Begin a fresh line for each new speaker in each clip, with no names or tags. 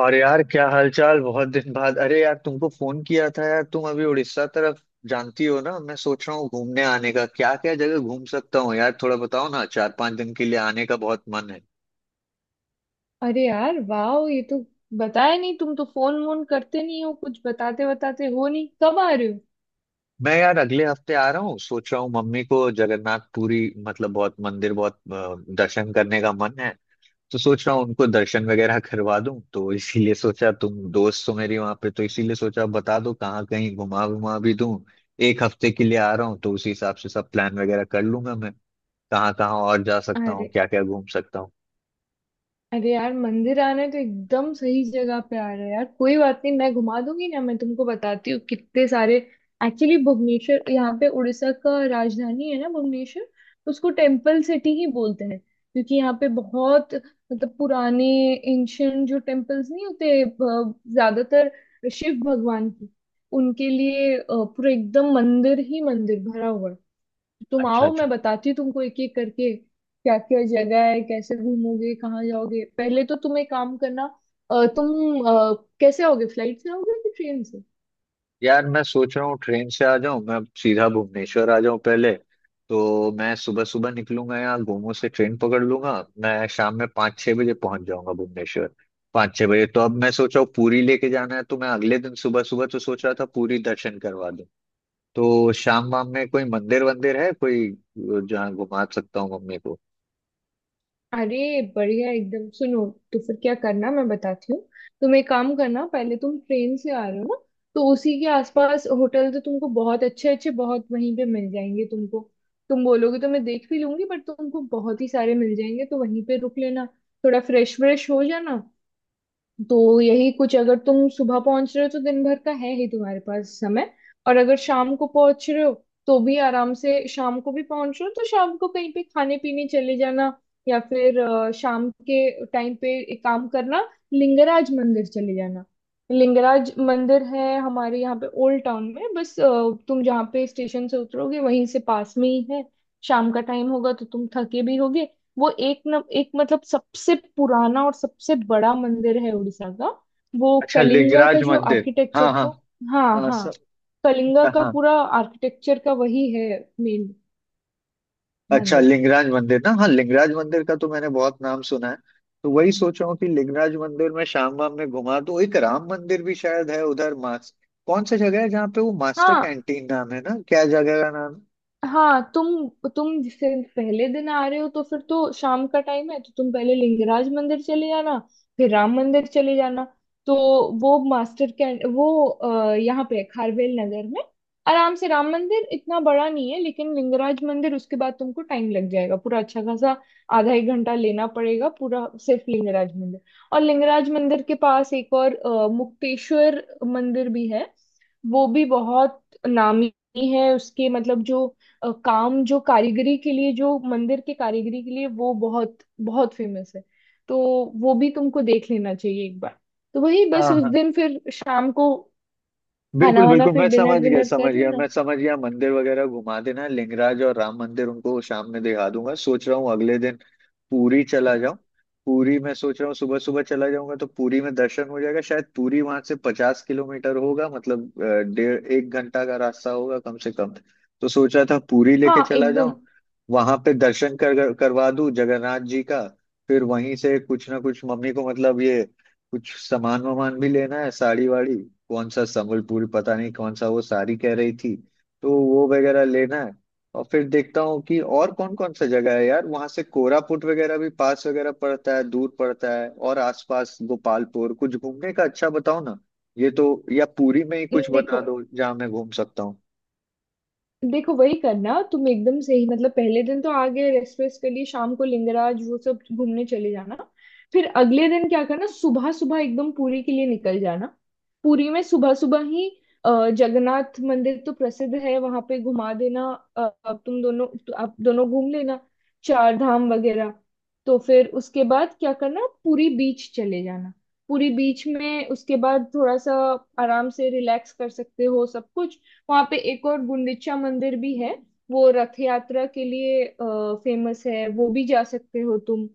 और यार, क्या हालचाल। बहुत दिन बाद। अरे यार तुमको फोन किया था। यार तुम अभी उड़ीसा तरफ। जानती हो ना, मैं सोच रहा हूँ घूमने आने का। क्या क्या जगह घूम सकता हूँ यार, थोड़ा बताओ ना। चार पांच दिन के लिए आने का बहुत मन है।
अरे यार वाह, ये तो बताया नहीं। तुम तो फोन वोन करते नहीं हो। कुछ बताते बताते हो नहीं। कब आ रहे हो?
मैं यार अगले हफ्ते आ रहा हूँ। सोच रहा हूँ मम्मी को जगन्नाथ पुरी, मतलब बहुत मंदिर, बहुत दर्शन करने का मन है। तो सोच रहा हूँ उनको दर्शन वगैरह करवा दूं। तो इसीलिए सोचा तुम दोस्त हो मेरी वहां पे, तो इसीलिए सोचा बता दो कहाँ कहीं घुमा घुमा भी दूं। एक हफ्ते के लिए आ रहा हूँ, तो उसी हिसाब से सब प्लान वगैरह कर लूंगा मैं। कहाँ कहाँ और जा सकता हूँ,
अरे
क्या क्या घूम सकता हूँ।
अरे यार, मंदिर आने तो एकदम सही जगह पे आ रहे हैं यार। कोई बात नहीं, मैं घुमा दूंगी ना। मैं तुमको बताती हूँ कितने सारे। एक्चुअली भुवनेश्वर, यहाँ पे उड़ीसा का राजधानी है ना, भुवनेश्वर तो उसको टेम्पल सिटी ही बोलते हैं, क्योंकि यहाँ पे बहुत मतलब पुराने एंशियंट जो टेम्पल्स नहीं होते ज्यादातर शिव भगवान की, उनके लिए पूरा एकदम मंदिर ही मंदिर भरा हुआ है। तुम
अच्छा
आओ,
अच्छा।
मैं बताती हूँ तुमको एक एक करके क्या क्या जगह है, कैसे घूमोगे, कहाँ जाओगे। पहले तो तुम एक काम करना, तुम कैसे आओगे, फ्लाइट से आओगे कि ट्रेन से?
यार मैं सोच रहा हूँ ट्रेन से आ जाऊं। मैं अब सीधा भुवनेश्वर आ जाऊं पहले। तो मैं सुबह सुबह निकलूंगा, यहाँ गोमो से ट्रेन पकड़ लूंगा। मैं शाम में पाँच छह बजे पहुंच जाऊंगा भुवनेश्वर। पाँच छह बजे, तो अब मैं सोच रहा हूँ पूरी लेके जाना है, तो मैं अगले दिन सुबह सुबह, तो सोच रहा था पूरी दर्शन करवा दूं। तो शाम वाम में कोई मंदिर वंदिर है कोई, जहाँ घुमा सकता हूँ मम्मी को।
अरे बढ़िया एकदम, सुनो। तो फिर क्या करना मैं बताती हूँ। तुम एक काम करना, पहले तुम ट्रेन से आ रहे हो ना, तो उसी के आसपास होटल तो तुमको बहुत अच्छे अच्छे बहुत वहीं पे मिल जाएंगे तुमको। तुम बोलोगे तो मैं देख भी लूंगी, बट तुमको बहुत ही सारे मिल जाएंगे, तो वहीं पे रुक लेना। थोड़ा फ्रेश व्रेश हो जाना। तो यही कुछ, अगर तुम सुबह पहुंच रहे हो तो दिन भर का है ही तुम्हारे पास समय। और अगर शाम को पहुंच रहे हो तो भी आराम से, शाम को भी पहुंच रहे हो तो शाम को कहीं पे खाने पीने चले जाना। या फिर शाम के टाइम पे एक काम करना, लिंगराज मंदिर चले जाना। लिंगराज मंदिर है हमारे यहाँ पे ओल्ड टाउन में, बस तुम जहाँ पे स्टेशन से उतरोगे वहीं से पास में ही है। शाम का टाइम होगा तो तुम थके भी होगे। वो एक न एक मतलब सबसे पुराना और सबसे बड़ा मंदिर है उड़ीसा का। वो
अच्छा,
कलिंगा का
लिंगराज
जो
मंदिर।
आर्किटेक्चर
हाँ हाँ।
का। हाँ
हाँ
हाँ,
सब।
कलिंगा का
हाँ।
पूरा आर्किटेक्चर का वही है मेन
अच्छा
मंदिर।
लिंगराज मंदिर ना। हाँ, लिंगराज मंदिर का तो मैंने बहुत नाम सुना है। तो वही सोच रहा हूँ कि लिंगराज मंदिर में शाम वाम में घुमा दूँ। एक राम मंदिर भी शायद है उधर मास, कौन सा जगह है जहाँ पे वो मास्टर
हाँ
कैंटीन नाम है ना, क्या जगह का नाम है?
हाँ, तुम जिससे पहले दिन आ रहे हो, तो फिर तो शाम का टाइम है तो तुम पहले लिंगराज मंदिर चले जाना, फिर राम मंदिर चले जाना। तो वो मास्टर कैंट, वो यहाँ पे है, खारवेल नगर में। आराम से, राम मंदिर इतना बड़ा नहीं है, लेकिन लिंगराज मंदिर उसके बाद तुमको टाइम लग जाएगा पूरा अच्छा खासा। आधा एक घंटा लेना पड़ेगा पूरा सिर्फ लिंगराज मंदिर। और लिंगराज मंदिर के पास एक और मुक्तेश्वर मंदिर भी है। वो भी बहुत नामी है, उसके मतलब जो काम, जो कारीगरी के लिए, जो मंदिर के कारीगरी के लिए वो बहुत बहुत फेमस है। तो वो भी तुमको देख लेना चाहिए एक बार। तो वही बस
हाँ
उस
हाँ।
दिन फिर शाम को खाना
बिल्कुल
वाना,
बिल्कुल,
फिर
मैं समझ
डिनर
गया,
विनर
समझ
कर
गया,
लेना।
मैं समझ गया। मंदिर वगैरह घुमा देना, लिंगराज और राम मंदिर उनको शाम में दिखा दूंगा। सोच रहा हूँ अगले दिन पूरी चला जाऊं। पूरी मैं सोच रहा हूँ सुबह सुबह चला जाऊंगा, तो पूरी में दर्शन हो जाएगा शायद। पूरी वहां से 50 किलोमीटर होगा, मतलब डेढ़ एक घंटा का रास्ता होगा कम से कम। तो सोच रहा था पूरी लेके
हाँ
चला
एकदम,
जाऊं। वहां पे दर्शन कर करवा दूं जगन्नाथ जी का। फिर वहीं से कुछ ना कुछ मम्मी को, मतलब ये कुछ सामान वामान भी लेना है, साड़ी वाड़ी। कौन सा संबलपुर, पता नहीं कौन सा वो साड़ी कह रही थी। तो वो वगैरह लेना है। और फिर देखता हूँ कि और कौन कौन सा जगह है यार। वहां से कोरापुट वगैरह भी पास वगैरह पड़ता है, दूर पड़ता है। और आसपास गोपालपुर कुछ घूमने का अच्छा बताओ ना ये तो। या पुरी में ही कुछ
देखो
बता दो जहाँ मैं घूम सकता हूँ।
देखो, वही करना तुम एकदम सही। मतलब पहले दिन तो आगे रेस्ट वेस्ट के लिए शाम को लिंगराज वो सब घूमने चले जाना। फिर अगले दिन क्या करना, सुबह सुबह एकदम पुरी के लिए निकल जाना। पुरी में सुबह सुबह ही जगन्नाथ मंदिर तो प्रसिद्ध है, वहां पे घुमा देना। अब तुम दोनों तो, आप दोनों घूम लेना चार धाम वगैरह। तो फिर उसके बाद क्या करना, पुरी बीच चले जाना। पुरी बीच में उसके बाद थोड़ा सा आराम से रिलैक्स कर सकते हो सब कुछ। वहां पे एक और गुंडिचा मंदिर भी है। वो रथ यात्रा के लिए फेमस है, वो भी जा सकते हो तुम,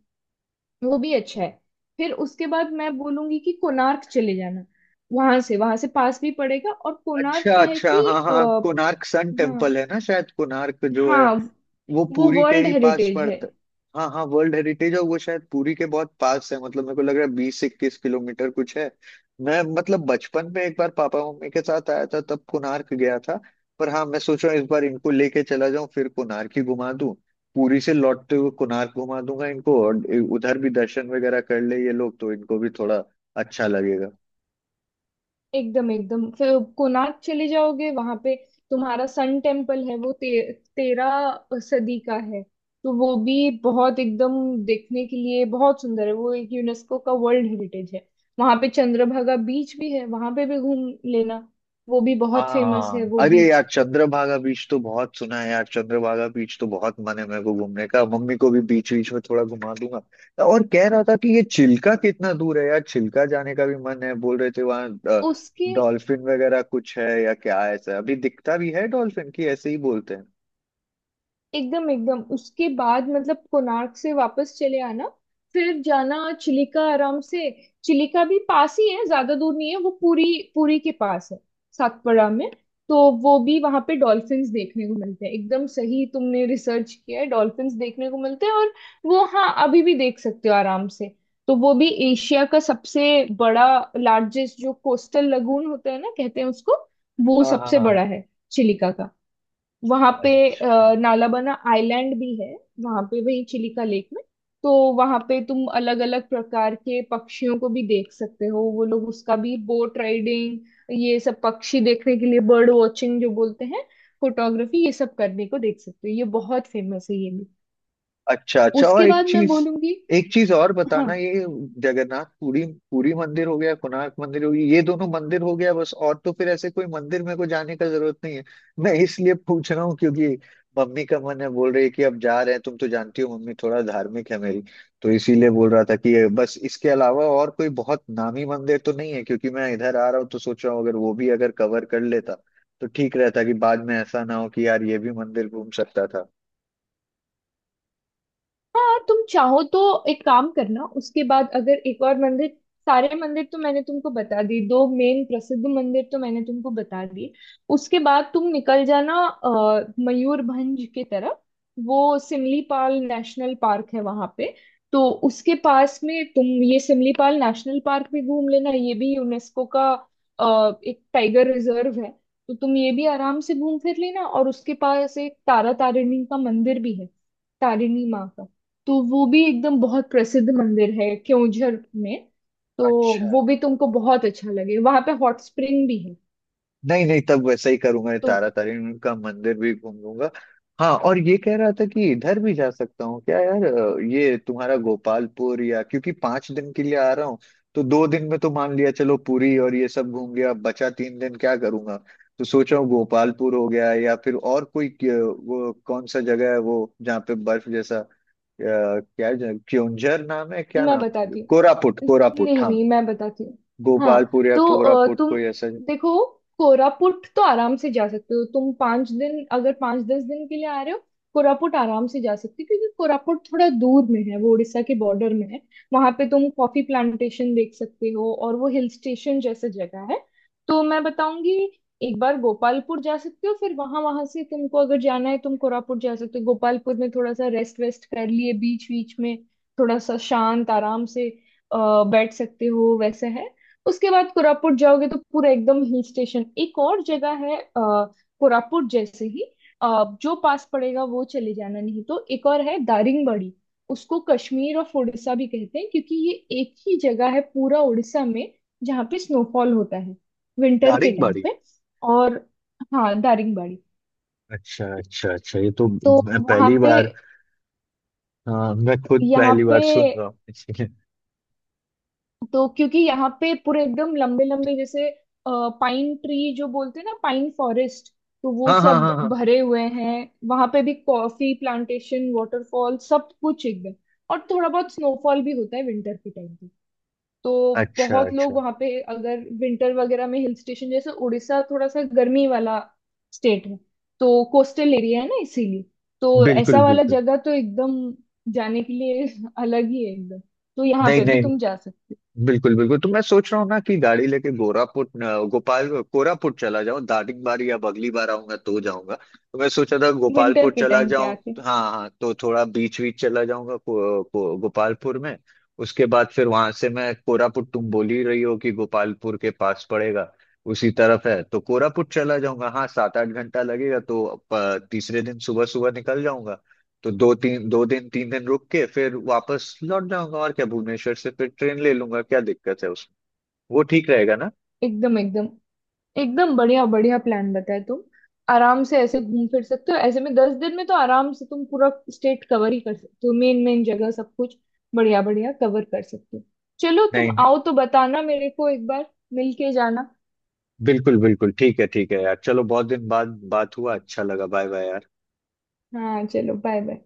वो भी अच्छा है। फिर उसके बाद मैं बोलूंगी कि कोणार्क चले जाना। वहां से, वहां से पास भी पड़ेगा। और कोणार्क
अच्छा
क्या है
अच्छा।
कि
हाँ हाँ,
आ,
कोणार्क सन
हाँ
टेम्पल है ना शायद। कोणार्क जो है
हाँ,
वो
वो
पुरी के
वर्ल्ड
ही पास
हेरिटेज है।
पड़ता है। हाँ हाँ, वर्ल्ड हेरिटेज है वो, शायद पुरी के बहुत पास है। मतलब मेरे को लग रहा है 20-21 किलोमीटर कुछ है। मैं मतलब बचपन में एक बार पापा मम्मी के साथ आया था, तब कोणार्क गया था। पर हाँ, मैं सोच रहा हूँ इस बार इनको लेके चला जाऊं, फिर कोणार्क ही घुमा दूं। पुरी से लौटते हुए कोणार्क घुमा दूंगा इनको। और उधर भी दर्शन वगैरह कर ले ये लोग, तो इनको भी थोड़ा अच्छा लगेगा।
एकदम एकदम, फिर कोणार्क चले जाओगे, वहां पे तुम्हारा सन टेम्पल है, वो तेरह सदी का है। तो वो भी बहुत एकदम देखने के लिए बहुत सुंदर है। वो एक यूनेस्को का वर्ल्ड हेरिटेज है। वहां पे चंद्रभागा बीच भी है, वहां पे भी घूम लेना। वो भी बहुत फेमस है
हाँ,
वो
अरे
बीच।
यार चंद्रभागा बीच तो बहुत सुना है यार। चंद्रभागा बीच तो बहुत मन है मेरे को घूमने का। मम्मी को भी बीच बीच में थोड़ा घुमा दूंगा। और कह रहा था कि ये चिल्का कितना दूर है यार, चिल्का जाने का भी मन है। बोल रहे थे वहाँ
उसके
डॉल्फिन वगैरह कुछ है या क्या है, ऐसा अभी दिखता भी है डॉल्फिन की, ऐसे ही बोलते हैं।
एकदम एकदम, उसके बाद मतलब कोणार्क से वापस चले आना। फिर जाना चिलिका, आराम से। चिलिका भी पास ही है, ज्यादा दूर नहीं है, वो पूरी। पूरी के पास है, सातपड़ा में। तो वो भी वहां पे डॉल्फिन्स देखने को मिलते हैं। एकदम सही, तुमने रिसर्च किया है, डॉल्फिन्स देखने को मिलते हैं। और वो हाँ, अभी भी देख सकते हो आराम से। तो वो भी एशिया का सबसे बड़ा, लार्जेस्ट जो कोस्टल लगून होता है ना, कहते हैं उसको, वो
हाँ हाँ
सबसे
हाँ।
बड़ा है चिलिका का। वहां पे
अच्छा।
नालाबना आइलैंड भी है वहां पे, वही चिलिका लेक में। तो वहां पे तुम अलग अलग प्रकार के पक्षियों को भी देख सकते हो। वो लोग उसका भी बोट राइडिंग, ये सब पक्षी देखने के लिए बर्ड वॉचिंग जो बोलते हैं, फोटोग्राफी, ये सब करने को देख सकते हो। ये बहुत फेमस है ये भी।
अच्छा अच्छा,
उसके
और एक
बाद मैं
चीज,
बोलूंगी,
एक चीज और बताना
हाँ
ये। जगन्नाथ पुरी, पुरी मंदिर हो गया, कोणार्क मंदिर हो गया, ये दोनों मंदिर हो गया बस। और तो फिर ऐसे कोई मंदिर मेरे को जाने का जरूरत नहीं है। मैं इसलिए पूछ रहा हूँ क्योंकि मम्मी का मन है, बोल रही है कि अब जा रहे हैं। तुम तो जानती हो मम्मी थोड़ा धार्मिक है मेरी। तो इसीलिए बोल रहा था कि ये बस, इसके अलावा और कोई बहुत नामी मंदिर तो नहीं है। क्योंकि मैं इधर आ रहा हूँ, तो सोच रहा हूँ अगर वो भी अगर कवर कर लेता तो ठीक रहता। कि बाद में ऐसा ना हो कि यार ये भी मंदिर घूम सकता था।
हाँ, तुम चाहो तो एक काम करना, उसके बाद अगर एक और मंदिर, सारे मंदिर तो मैंने तुमको बता दिए, दो मेन प्रसिद्ध मंदिर तो मैंने तुमको बता दिए। उसके बाद तुम निकल जाना मयूरभंज की तरफ। वो सिमलीपाल नेशनल पार्क है वहां पे। तो उसके पास में तुम ये सिमलीपाल नेशनल पार्क भी घूम लेना। ये भी यूनेस्को का एक टाइगर रिजर्व है। तो तुम ये भी आराम से घूम फिर लेना। और उसके पास एक तारा तारिणी का मंदिर भी है, तारिणी माँ का। तो वो भी एकदम बहुत प्रसिद्ध मंदिर है क्योंझर में। तो
अच्छा।
वो भी तुमको बहुत अच्छा लगे। वहां पे हॉट स्प्रिंग भी है।
नहीं नहीं, तब वैसा ही करूंगा। ये
तो
तारा तारिणी का मंदिर भी घूम लूंगा। हाँ, और ये कह रहा था कि इधर भी जा सकता हूँ क्या यार। ये तुम्हारा गोपालपुर या, क्योंकि 5 दिन के लिए आ रहा हूँ। तो 2 दिन में तो मान लिया चलो पुरी और ये सब घूम गया, अब बचा 3 दिन क्या करूंगा। तो सोच रहा हूँ गोपालपुर हो गया, या फिर और कोई, वो कौन सा जगह है वो जहाँ पे बर्फ जैसा, क्या है? क्योंझर नाम है क्या?
मैं
नाम है
बताती
कोरापुट,
हूँ,
कोरापुट,
नहीं
हाँ।
नहीं मैं बताती हूँ। हाँ
गोपालपुर या
तो
कोरापुट,
तुम
कोई ऐसा।
देखो, कोरापुट तो आराम से जा सकते हो तुम। 5 दिन, अगर 5-10 दिन के लिए आ रहे हो, कोरापुट आराम से जा सकते हो, क्योंकि कोरापुट थोड़ा दूर में है, वो उड़ीसा के बॉर्डर में है। वहां पे तुम कॉफी प्लांटेशन देख सकते हो और वो हिल स्टेशन जैसा जगह है। तो मैं बताऊंगी, एक बार गोपालपुर जा सकते हो, फिर वहां, वहां से तुमको अगर जाना है तुम कोरापुट जा सकते हो। गोपालपुर में थोड़ा सा रेस्ट वेस्ट कर लिए बीच बीच में, थोड़ा सा शांत आराम से अ, बैठ सकते हो, वैसे है। उसके बाद कोरापुट जाओगे तो पूरा एकदम हिल स्टेशन। एक और जगह है कोरापुट जैसे ही जो पास पड़ेगा वो चले जाना। नहीं तो एक और है दारिंगबाड़ी, उसको कश्मीर ऑफ उड़ीसा भी कहते हैं, क्योंकि ये एक ही जगह है पूरा उड़ीसा में जहाँ पे स्नोफॉल होता है विंटर के टाइम
दारिंगबाड़ी।
पे। और हाँ, दारिंगबाड़ी,
अच्छा अच्छा अच्छा, ये तो
तो
मैं
वहाँ
पहली
पे,
बार, हाँ मैं खुद
यहाँ
पहली
पे,
बार सुन रहा हूँ इसलिए।
तो क्योंकि यहाँ पे पूरे एकदम लंबे लंबे जैसे पाइन ट्री जो बोलते हैं ना, पाइन फॉरेस्ट, तो वो
हाँ हाँ
सब
हाँ हाँ।
भरे हुए हैं। वहां पे भी कॉफी प्लांटेशन, वाटरफॉल, सब कुछ एकदम। और थोड़ा बहुत स्नोफॉल भी होता है विंटर के टाइम पे। तो
अच्छा
बहुत लोग
अच्छा।
वहां पे, अगर विंटर वगैरह में हिल स्टेशन जैसे, उड़ीसा थोड़ा सा गर्मी वाला स्टेट है, तो कोस्टल एरिया है ना इसीलिए, तो
बिल्कुल
ऐसा वाला
बिल्कुल।
जगह तो एकदम जाने के लिए अलग ही है एकदम। तो यहाँ
नहीं
पे भी
नहीं,
तुम जा सकते हो
बिल्कुल बिल्कुल, तो मैं सोच रहा हूँ ना कि गाड़ी लेके गोरापुट अ, गोपाल कोरापुट चला जाऊँ। दार्जिलिंग बार, या अगली बार आऊंगा तो जाऊंगा, तो मैं सोचा था
विंटर
गोपालपुर
के
चला
टाइम पे
जाऊँ।
आके।
हाँ हाँ, तो थोड़ा बीच बीच चला जाऊंगा गोपालपुर में। उसके बाद फिर वहां से मैं कोरापुट, तुम बोल ही रही हो कि गोपालपुर के पास पड़ेगा, उसी तरफ है, तो कोरापुट चला जाऊंगा। हाँ 7-8 घंटा लगेगा, तो तीसरे दिन सुबह सुबह निकल जाऊंगा। तो दो दिन तीन दिन रुक के फिर वापस लौट जाऊंगा। और क्या, भुवनेश्वर से फिर ट्रेन ले लूंगा, क्या दिक्कत है उसमें। वो ठीक रहेगा ना।
एकदम एकदम, एकदम बढ़िया बढ़िया प्लान बताया तुम। आराम से ऐसे घूम फिर सकते हो। ऐसे में 10 दिन में तो आराम से तुम पूरा स्टेट कवर ही कर सकते हो, मेन मेन जगह सब कुछ बढ़िया बढ़िया कवर कर सकते हो। चलो तुम
नहीं नहीं,
आओ तो बताना मेरे को, एक बार मिल के जाना।
बिल्कुल बिल्कुल, ठीक है यार। चलो बहुत दिन बाद बात हुआ, अच्छा लगा, बाय बाय यार।
हाँ चलो, बाय बाय।